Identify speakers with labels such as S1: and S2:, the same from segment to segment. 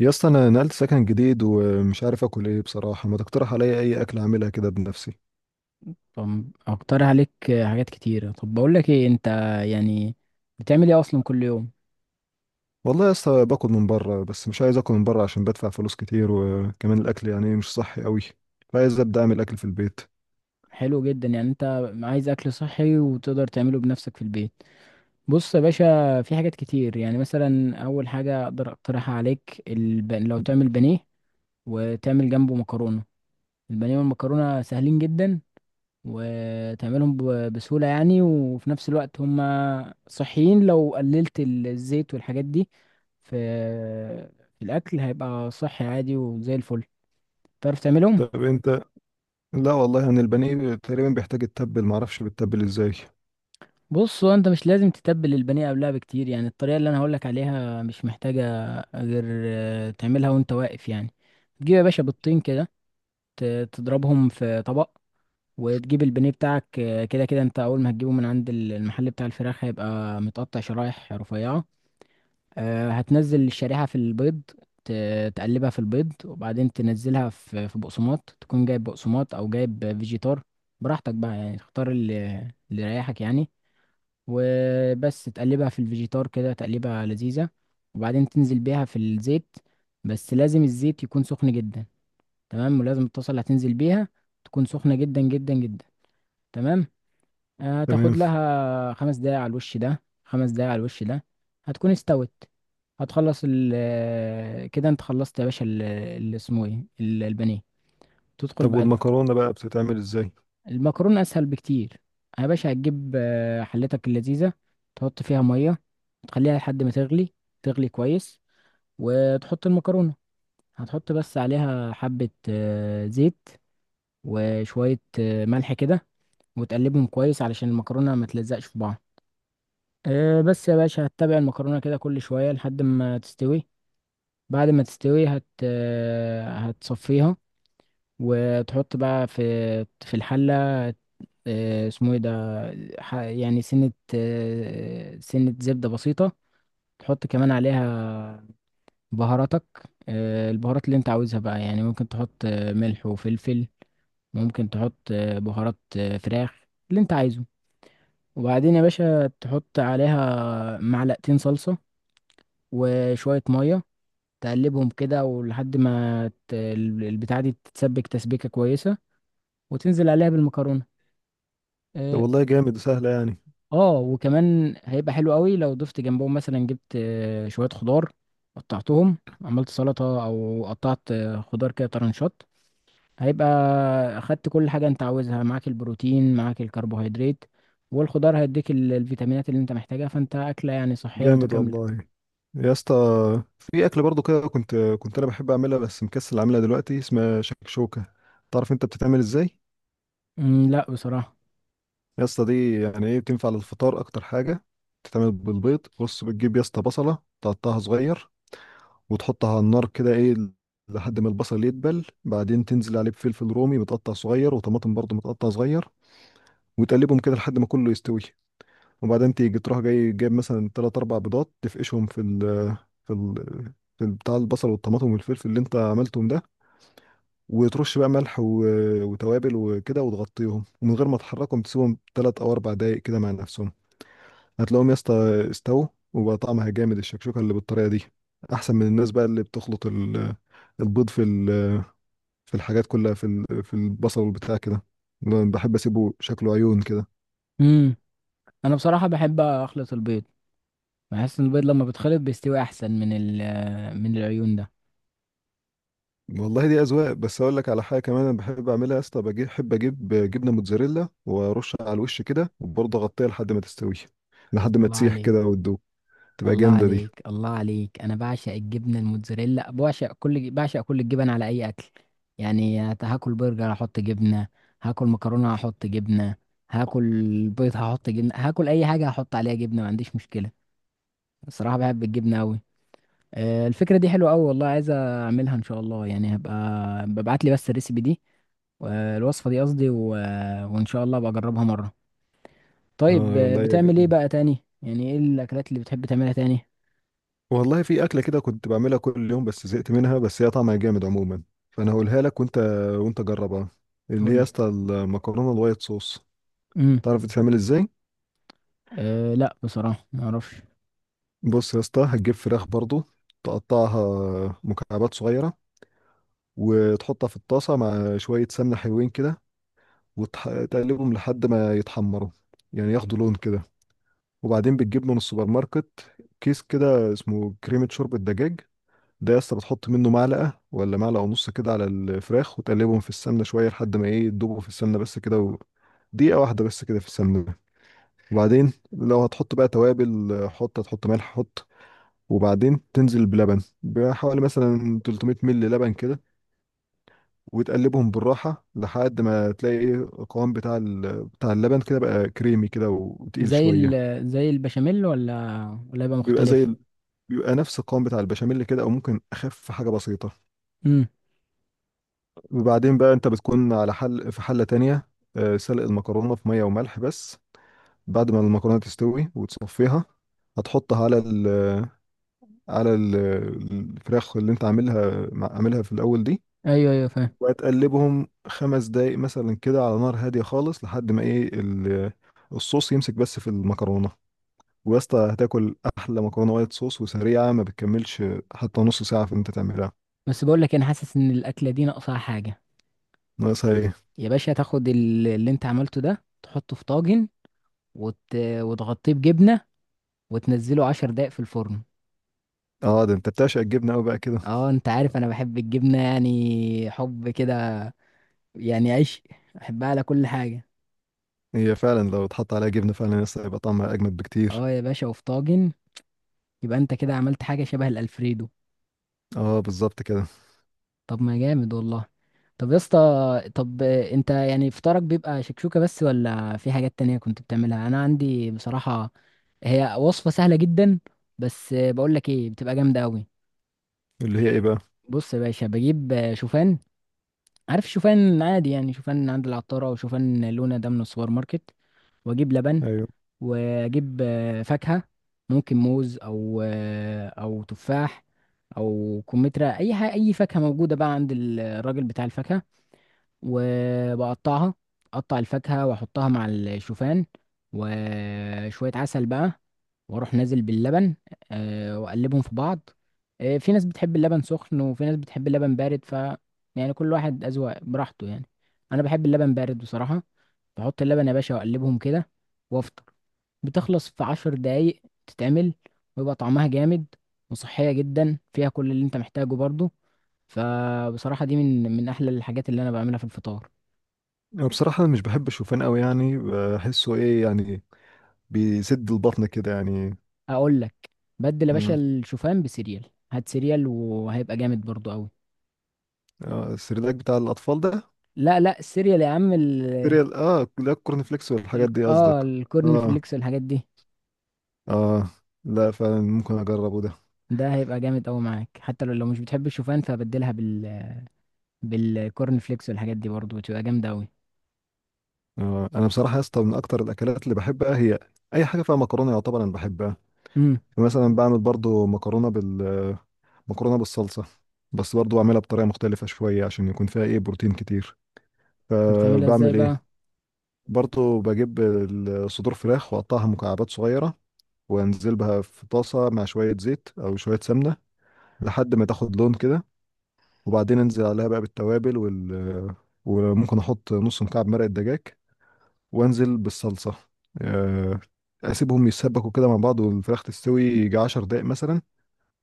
S1: يا اسطى، انا نقلت سكن جديد ومش عارف اكل ايه بصراحه. ما تقترح عليا اي اكل اعملها كده بنفسي؟
S2: طب اقترح عليك حاجات كتيرة. طب بقول لك ايه؟ انت يعني بتعمل ايه اصلا كل يوم؟
S1: والله يا اسطى، باكل من بره، بس مش عايز اكل من بره عشان بدفع فلوس كتير، وكمان الاكل يعني مش صحي قوي. فعايز ابدا اعمل اكل في البيت.
S2: حلو جدا. انت عايز اكل صحي وتقدر تعمله بنفسك في البيت. بص يا باشا، في حاجات كتير. يعني مثلا اول حاجة اقدر اقترحها عليك، لو تعمل بانيه وتعمل جنبه مكرونة. البانيه والمكرونة سهلين جدا وتعملهم بسهولة، يعني وفي نفس الوقت هم صحيين. لو قللت الزيت والحاجات دي في في الأكل هيبقى صحي عادي وزي الفل. تعرف تعملهم؟
S1: طب انت. لا والله، يعني البانيه تقريبا بيحتاج يتبل، ما اعرفش بيتبل ازاي.
S2: بص، هو انت مش لازم تتبل البانيه قبلها بكتير. يعني الطريقة اللي انا هقولك عليها مش محتاجة غير تعملها وانت واقف. يعني تجيب يا باشا بيضتين كده، تضربهم في طبق، وتجيب البانيه بتاعك. كده كده انت اول ما هتجيبه من عند المحل بتاع الفراخ هيبقى متقطع شرايح رفيعة. هتنزل الشريحة في البيض، تقلبها في البيض، وبعدين تنزلها في بقسماط. تكون جايب بقسماط أو جايب فيجيتار، براحتك بقى. يعني تختار اللي يريحك، يعني. وبس تقلبها في الفيجيتار كده، تقلبها لذيذة. وبعدين تنزل بيها في الزيت، بس لازم الزيت يكون سخن جدا. تمام؟ ولازم الطاسة اللي هتنزل بيها تكون سخنة جدا جدا جدا. تمام؟
S1: تمام.
S2: تاخد لها 5 دقايق على الوش ده، 5 دقايق على الوش ده، هتكون استوت. هتخلص ال آه، كده انت خلصت يا باشا اللي اسمه ايه، البانيه. تدخل
S1: طب
S2: بعد
S1: والمكرونه بقى بتتعمل ازاي؟
S2: المكرونة، اسهل بكتير يا باشا. هتجيب حلتك اللذيذة، تحط فيها مية، تخليها لحد ما تغلي، تغلي كويس، وتحط المكرونة. هتحط بس عليها حبة زيت وشوية ملح كده، وتقلبهم كويس علشان المكرونة ما تلزقش في بعض. بس يا باشا هتتابع المكرونة كده كل شوية لحد ما تستوي. بعد ما تستوي هت آه، هتصفيها، وتحط بقى في الحلة اسمه ايه ده، سنة سنة زبدة بسيطة. تحط كمان عليها بهاراتك، البهارات اللي انت عاوزها بقى. يعني ممكن تحط ملح وفلفل، ممكن تحط بهارات فراخ، اللي انت عايزه. وبعدين يا باشا تحط عليها معلقتين صلصة وشوية مية، تقلبهم كده ولحد ما البتاعة دي تتسبك تسبيكة كويسة، وتنزل عليها بالمكرونة.
S1: طب
S2: اه.
S1: والله جامد، سهله يعني.
S2: وكمان هيبقى حلو قوي لو ضفت جنبهم، مثلا جبت شوية خضار، قطعتهم، عملت سلطة، او قطعت خضار كده طرنشات. هيبقى اخدت كل حاجة انت عاوزها، معاك البروتين، معاك الكربوهيدرات، والخضار هيديك الفيتامينات اللي انت محتاجها. فانت اكلة يعني صحية
S1: جامد
S2: متكاملة.
S1: والله يا اسطى. في اكل برضو كده كنت انا بحب اعملها، بس مكسل اعملها دلوقتي، اسمها شكشوكه. تعرف انت بتتعمل ازاي؟
S2: لا بصراحة.
S1: يا اسطى دي يعني ايه، بتنفع للفطار اكتر حاجه. بتتعمل بالبيض. بص، بتجيب يا اسطى بصله، تقطعها صغير وتحطها على النار كده، ايه، لحد ما البصل يدبل. بعدين تنزل عليه بفلفل رومي متقطع صغير وطماطم برضو متقطع صغير، وتقلبهم كده لحد ما كله يستوي. وبعدين تيجي تروح جاي جايب مثلا تلات أربع بيضات، تفقشهم في ال في بتاع البصل والطماطم والفلفل اللي انت عملتهم ده. وترش بقى ملح وتوابل وكده، وتغطيهم ومن غير ما تحركهم تسيبهم تلات أو أربع دقايق كده مع نفسهم. هتلاقيهم يا اسطى استووا، وبقى طعمها جامد، الشكشوكة اللي بالطريقة دي. أحسن من الناس بقى اللي بتخلط البيض في الحاجات كلها، في البصل والبتاع كده. أنا بحب أسيبه شكله عيون كده.
S2: مم. انا بصراحة بحب اخلط البيض، بحس ان البيض لما بيتخلط بيستوي احسن من ال من العيون ده.
S1: والله دي اذواق. بس اقول لك على حاجه كمان انا بحب اعملها يا اسطى، بجيب، بحب اجيب جبنه موتزاريلا وارشها على الوش كده، وبرضه اغطيها لحد ما تستوي، لحد ما
S2: الله
S1: تسيح
S2: عليك.
S1: كده وتدوب، تبقى
S2: الله
S1: جامده دي.
S2: عليك، الله عليك. انا بعشق الجبنه الموتزاريلا، بعشق كل الجبن على اي اكل. يعني هاكل برجر هحط جبنه، هاكل مكرونه هحط جبنه، هاكل بيض هحط جبنه، هاكل اي حاجه هحط عليها جبنه، ما عنديش مشكله. الصراحه بحب الجبنه قوي. الفكره دي حلوه قوي والله، عايز اعملها ان شاء الله. يعني هبقى ببعت لي بس الريسيبي دي، الوصفه دي قصدي. وان شاء الله بجربها مره. طيب،
S1: اه والله يا
S2: بتعمل ايه
S1: جامد.
S2: بقى تاني؟ يعني ايه الاكلات اللي بتحب تعملها تاني؟
S1: والله في اكله كده كنت بعملها كل يوم بس زهقت منها، بس هي طعمها جامد عموما. فانا هقولها لك وانت جربها. اللي هي
S2: قول
S1: يا
S2: لي.
S1: اسطى المكرونه الوايت صوص.
S2: امم
S1: تعرف تتعمل ازاي؟
S2: أه، لا بصراحه ما اعرفش.
S1: بص يا اسطى، هتجيب فراخ برضه، تقطعها مكعبات صغيره، وتحطها في الطاسه مع شويه سمنه حلوين كده، وتقلبهم لحد ما يتحمروا، يعني ياخدوا لون كده. وبعدين بتجيب من السوبر ماركت كيس كده اسمه كريمة شوربة دجاج. ده يا اسطى بتحط منه معلقة ولا معلقة ونص كده على الفراخ، وتقلبهم في السمنة شوية لحد ما ايه، يدوبوا في السمنة بس كده، دقيقة واحدة بس كده في السمنة. وبعدين لو هتحط بقى توابل، هتحط ملح حط. وبعدين تنزل بلبن بحوالي مثلا 300 مل لبن كده، وتقلبهم بالراحة لحد ما تلاقي ايه، القوام بتاع اللبن كده بقى كريمي كده وتقيل
S2: زي
S1: شوية.
S2: ال زي البشاميل، ولا يبقى
S1: بيبقى زي
S2: مختلف؟
S1: ال... بيبقى نفس القوام بتاع البشاميل كده، او ممكن اخف حاجة بسيطة.
S2: امم.
S1: وبعدين بقى انت بتكون على حل في حلة تانية، سلق المكرونة في مية وملح بس. بعد ما المكرونة تستوي وتصفيها، هتحطها على الفراخ اللي انت عاملها عاملها في الاول دي.
S2: ايوه، ايوه فاهم.
S1: وهتقلبهم خمس دقايق مثلا كده على نار هادية خالص لحد ما ايه الصوص يمسك بس في المكرونة. ويا اسطى هتاكل أحلى مكرونة وايت صوص، وسريعة ما بتكملش حتى نص ساعة في انت تعملها.
S2: بس بقول لك إيه، انا حاسس ان الاكله دي ناقصها حاجه.
S1: ناقصها ايه؟
S2: يا باشا تاخد اللي انت عملته ده، تحطه في طاجن وت... وتغطيه بجبنه، وتنزله 10 دقايق في الفرن.
S1: اه، ده انت بتعشق الجبنة أوي بقى كده.
S2: اه انت عارف انا بحب الجبنه، يعني حب كده، يعني عيش. احبها على كل حاجه.
S1: هي فعلا لو اتحط عليها جبنة فعلا لسه هيبقى طعمها أجمد بكتير.
S2: اه يا باشا، وفي طاجن يبقى انت كده عملت حاجة شبه الألفريدو.
S1: اه، بالظبط كده.
S2: طب ما جامد والله. طب يا اسطى، طب انت يعني فطارك بيبقى شكشوكة بس، ولا في حاجات تانية كنت بتعملها؟ انا عندي بصراحة هي وصفة سهلة جدا، بس بقول لك ايه، بتبقى جامدة قوي.
S1: اللي هي ايه بقى؟
S2: بص يا باشا، بجيب شوفان. عارف شوفان عادي؟ يعني شوفان عند العطارة او شوفان لونة ده من السوبر ماركت. واجيب لبن،
S1: ايوه.
S2: واجيب فاكهة. ممكن موز او او تفاح او كمثرى، اي حاجة، اي فاكهة موجودة بقى عند الراجل بتاع الفاكهة. وبقطعها، اقطع الفاكهة واحطها مع الشوفان، وشوية عسل بقى، واروح نازل باللبن. واقلبهم في بعض. في ناس بتحب اللبن سخن، وفي ناس بتحب اللبن بارد، ف يعني كل واحد أذواق، براحته يعني. انا بحب اللبن بارد بصراحة. بحط اللبن يا باشا واقلبهم كده وافطر. بتخلص في 10 دقايق، تتعمل ويبقى طعمها جامد، وصحية جدا فيها كل اللي انت محتاجه برضو. فبصراحة دي من أحلى الحاجات اللي أنا بعملها في الفطار.
S1: أنا بصراحة مش بحب الشوفان أوي، يعني بحسه ايه يعني، بيسد البطن كده يعني.
S2: أقول لك، بدل يا باشا
S1: امم
S2: الشوفان بسيريال، هات سيريال وهيبقى جامد برضو أوي.
S1: آه، السردك بتاع الأطفال ده.
S2: لا لا، السيريال يا عم ال،
S1: سيريال، اه لا، الكورن فليكس والحاجات دي قصدك.
S2: الكورن
S1: اه.
S2: فليكس والحاجات دي.
S1: اه، لا فعلا ممكن اجربه ده.
S2: ده هيبقى جامد أوي معاك. حتى لو مش بتحب الشوفان فبدلها بالكورن فليكس والحاجات دي، برضو بتبقى جامدة أوي.
S1: آه. انا بصراحه يا اسطى من اكتر الاكلات اللي بحبها، هي اي حاجه فيها مكرونه يعتبر انا بحبها.
S2: امم.
S1: مثلا بعمل برضو مكرونه بالصلصه، بس برضو بعملها بطريقه مختلفه شويه عشان يكون فيها ايه، بروتين كتير.
S2: بتعملها ازاي
S1: فبعمل ايه،
S2: بقى؟
S1: برضو بجيب صدور فراخ واقطعها مكعبات صغيره، وانزل بها في طاسه مع شويه زيت او شويه سمنه لحد ما تاخد لون كده. وبعدين انزل عليها بقى بالتوابل وال وممكن احط نص مكعب مرقه دجاج، وانزل بالصلصه. آه، اسيبهم يتسبكوا كده مع بعض والفراخ تستوي يجي 10 دقايق مثلا.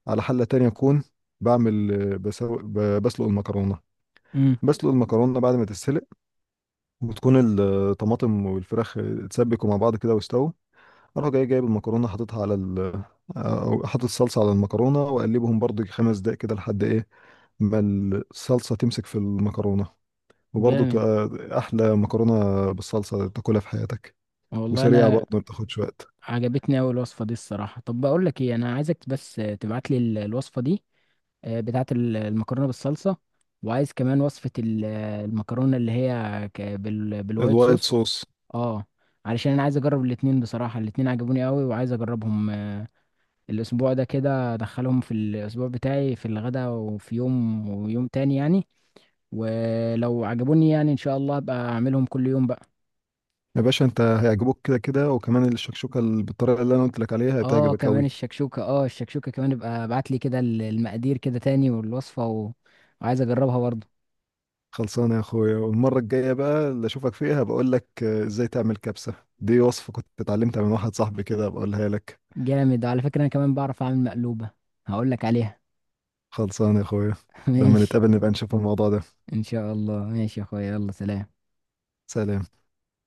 S1: على حله تانية اكون بعمل بسلق المكرونه.
S2: امم.
S1: بسلق المكرونه، بعد ما تتسلق وتكون الطماطم والفراخ اتسبكوا مع بعض كده واستووا، اروح جاي جايب المكرونه حاططها أو حاطط الصلصه على المكرونه، واقلبهم برضو خمس دقايق كده لحد ايه ما الصلصه تمسك في المكرونه. وبرضه
S2: جامد
S1: بتبقى احلى مكرونه بالصلصه تاكلها في حياتك،
S2: والله.
S1: وسريعه
S2: انا
S1: برضه ما بتاخدش وقت.
S2: عجبتني اوي الوصفه دي الصراحه. طب بقول لك ايه، انا عايزك بس تبعت لي الوصفه دي، بتاعه المكرونه بالصلصه. وعايز كمان وصفه المكرونه اللي هي بالوايت
S1: الوايت
S2: صوص.
S1: صوص.
S2: اه، علشان انا عايز اجرب الاتنين بصراحه. الاتنين عجبوني اوي وعايز اجربهم الاسبوع ده كده، ادخلهم في الاسبوع بتاعي في الغدا، وفي يوم ويوم تاني يعني. ولو عجبوني يعني ان شاء الله ابقى اعملهم كل يوم بقى.
S1: يا باشا انت هيعجبوك كده كده، وكمان الشكشوكه اللي بالطريقه اللي انا قلت لك عليها
S2: اه
S1: هتعجبك
S2: كمان
S1: قوي.
S2: الشكشوكة، اه الشكشوكة كمان ابقى ابعت لي كده المقادير كده تاني، والوصفة وعايز اجربها برضه.
S1: خلصانه يا اخويا، والمره الجايه بقى اللي اشوفك فيها بقول لك ازاي تعمل كبسه. دي وصفه كنت اتعلمتها من واحد صاحبي كده، بقولها لك.
S2: جامد. وعلى فكرة انا كمان بعرف اعمل مقلوبة، هقول لك عليها.
S1: خلصانه يا اخويا، لما
S2: ماشي.
S1: نتقابل نبقى نشوف الموضوع ده.
S2: ان شاء الله، ماشي يا اخويا، يلا سلام.
S1: سلام.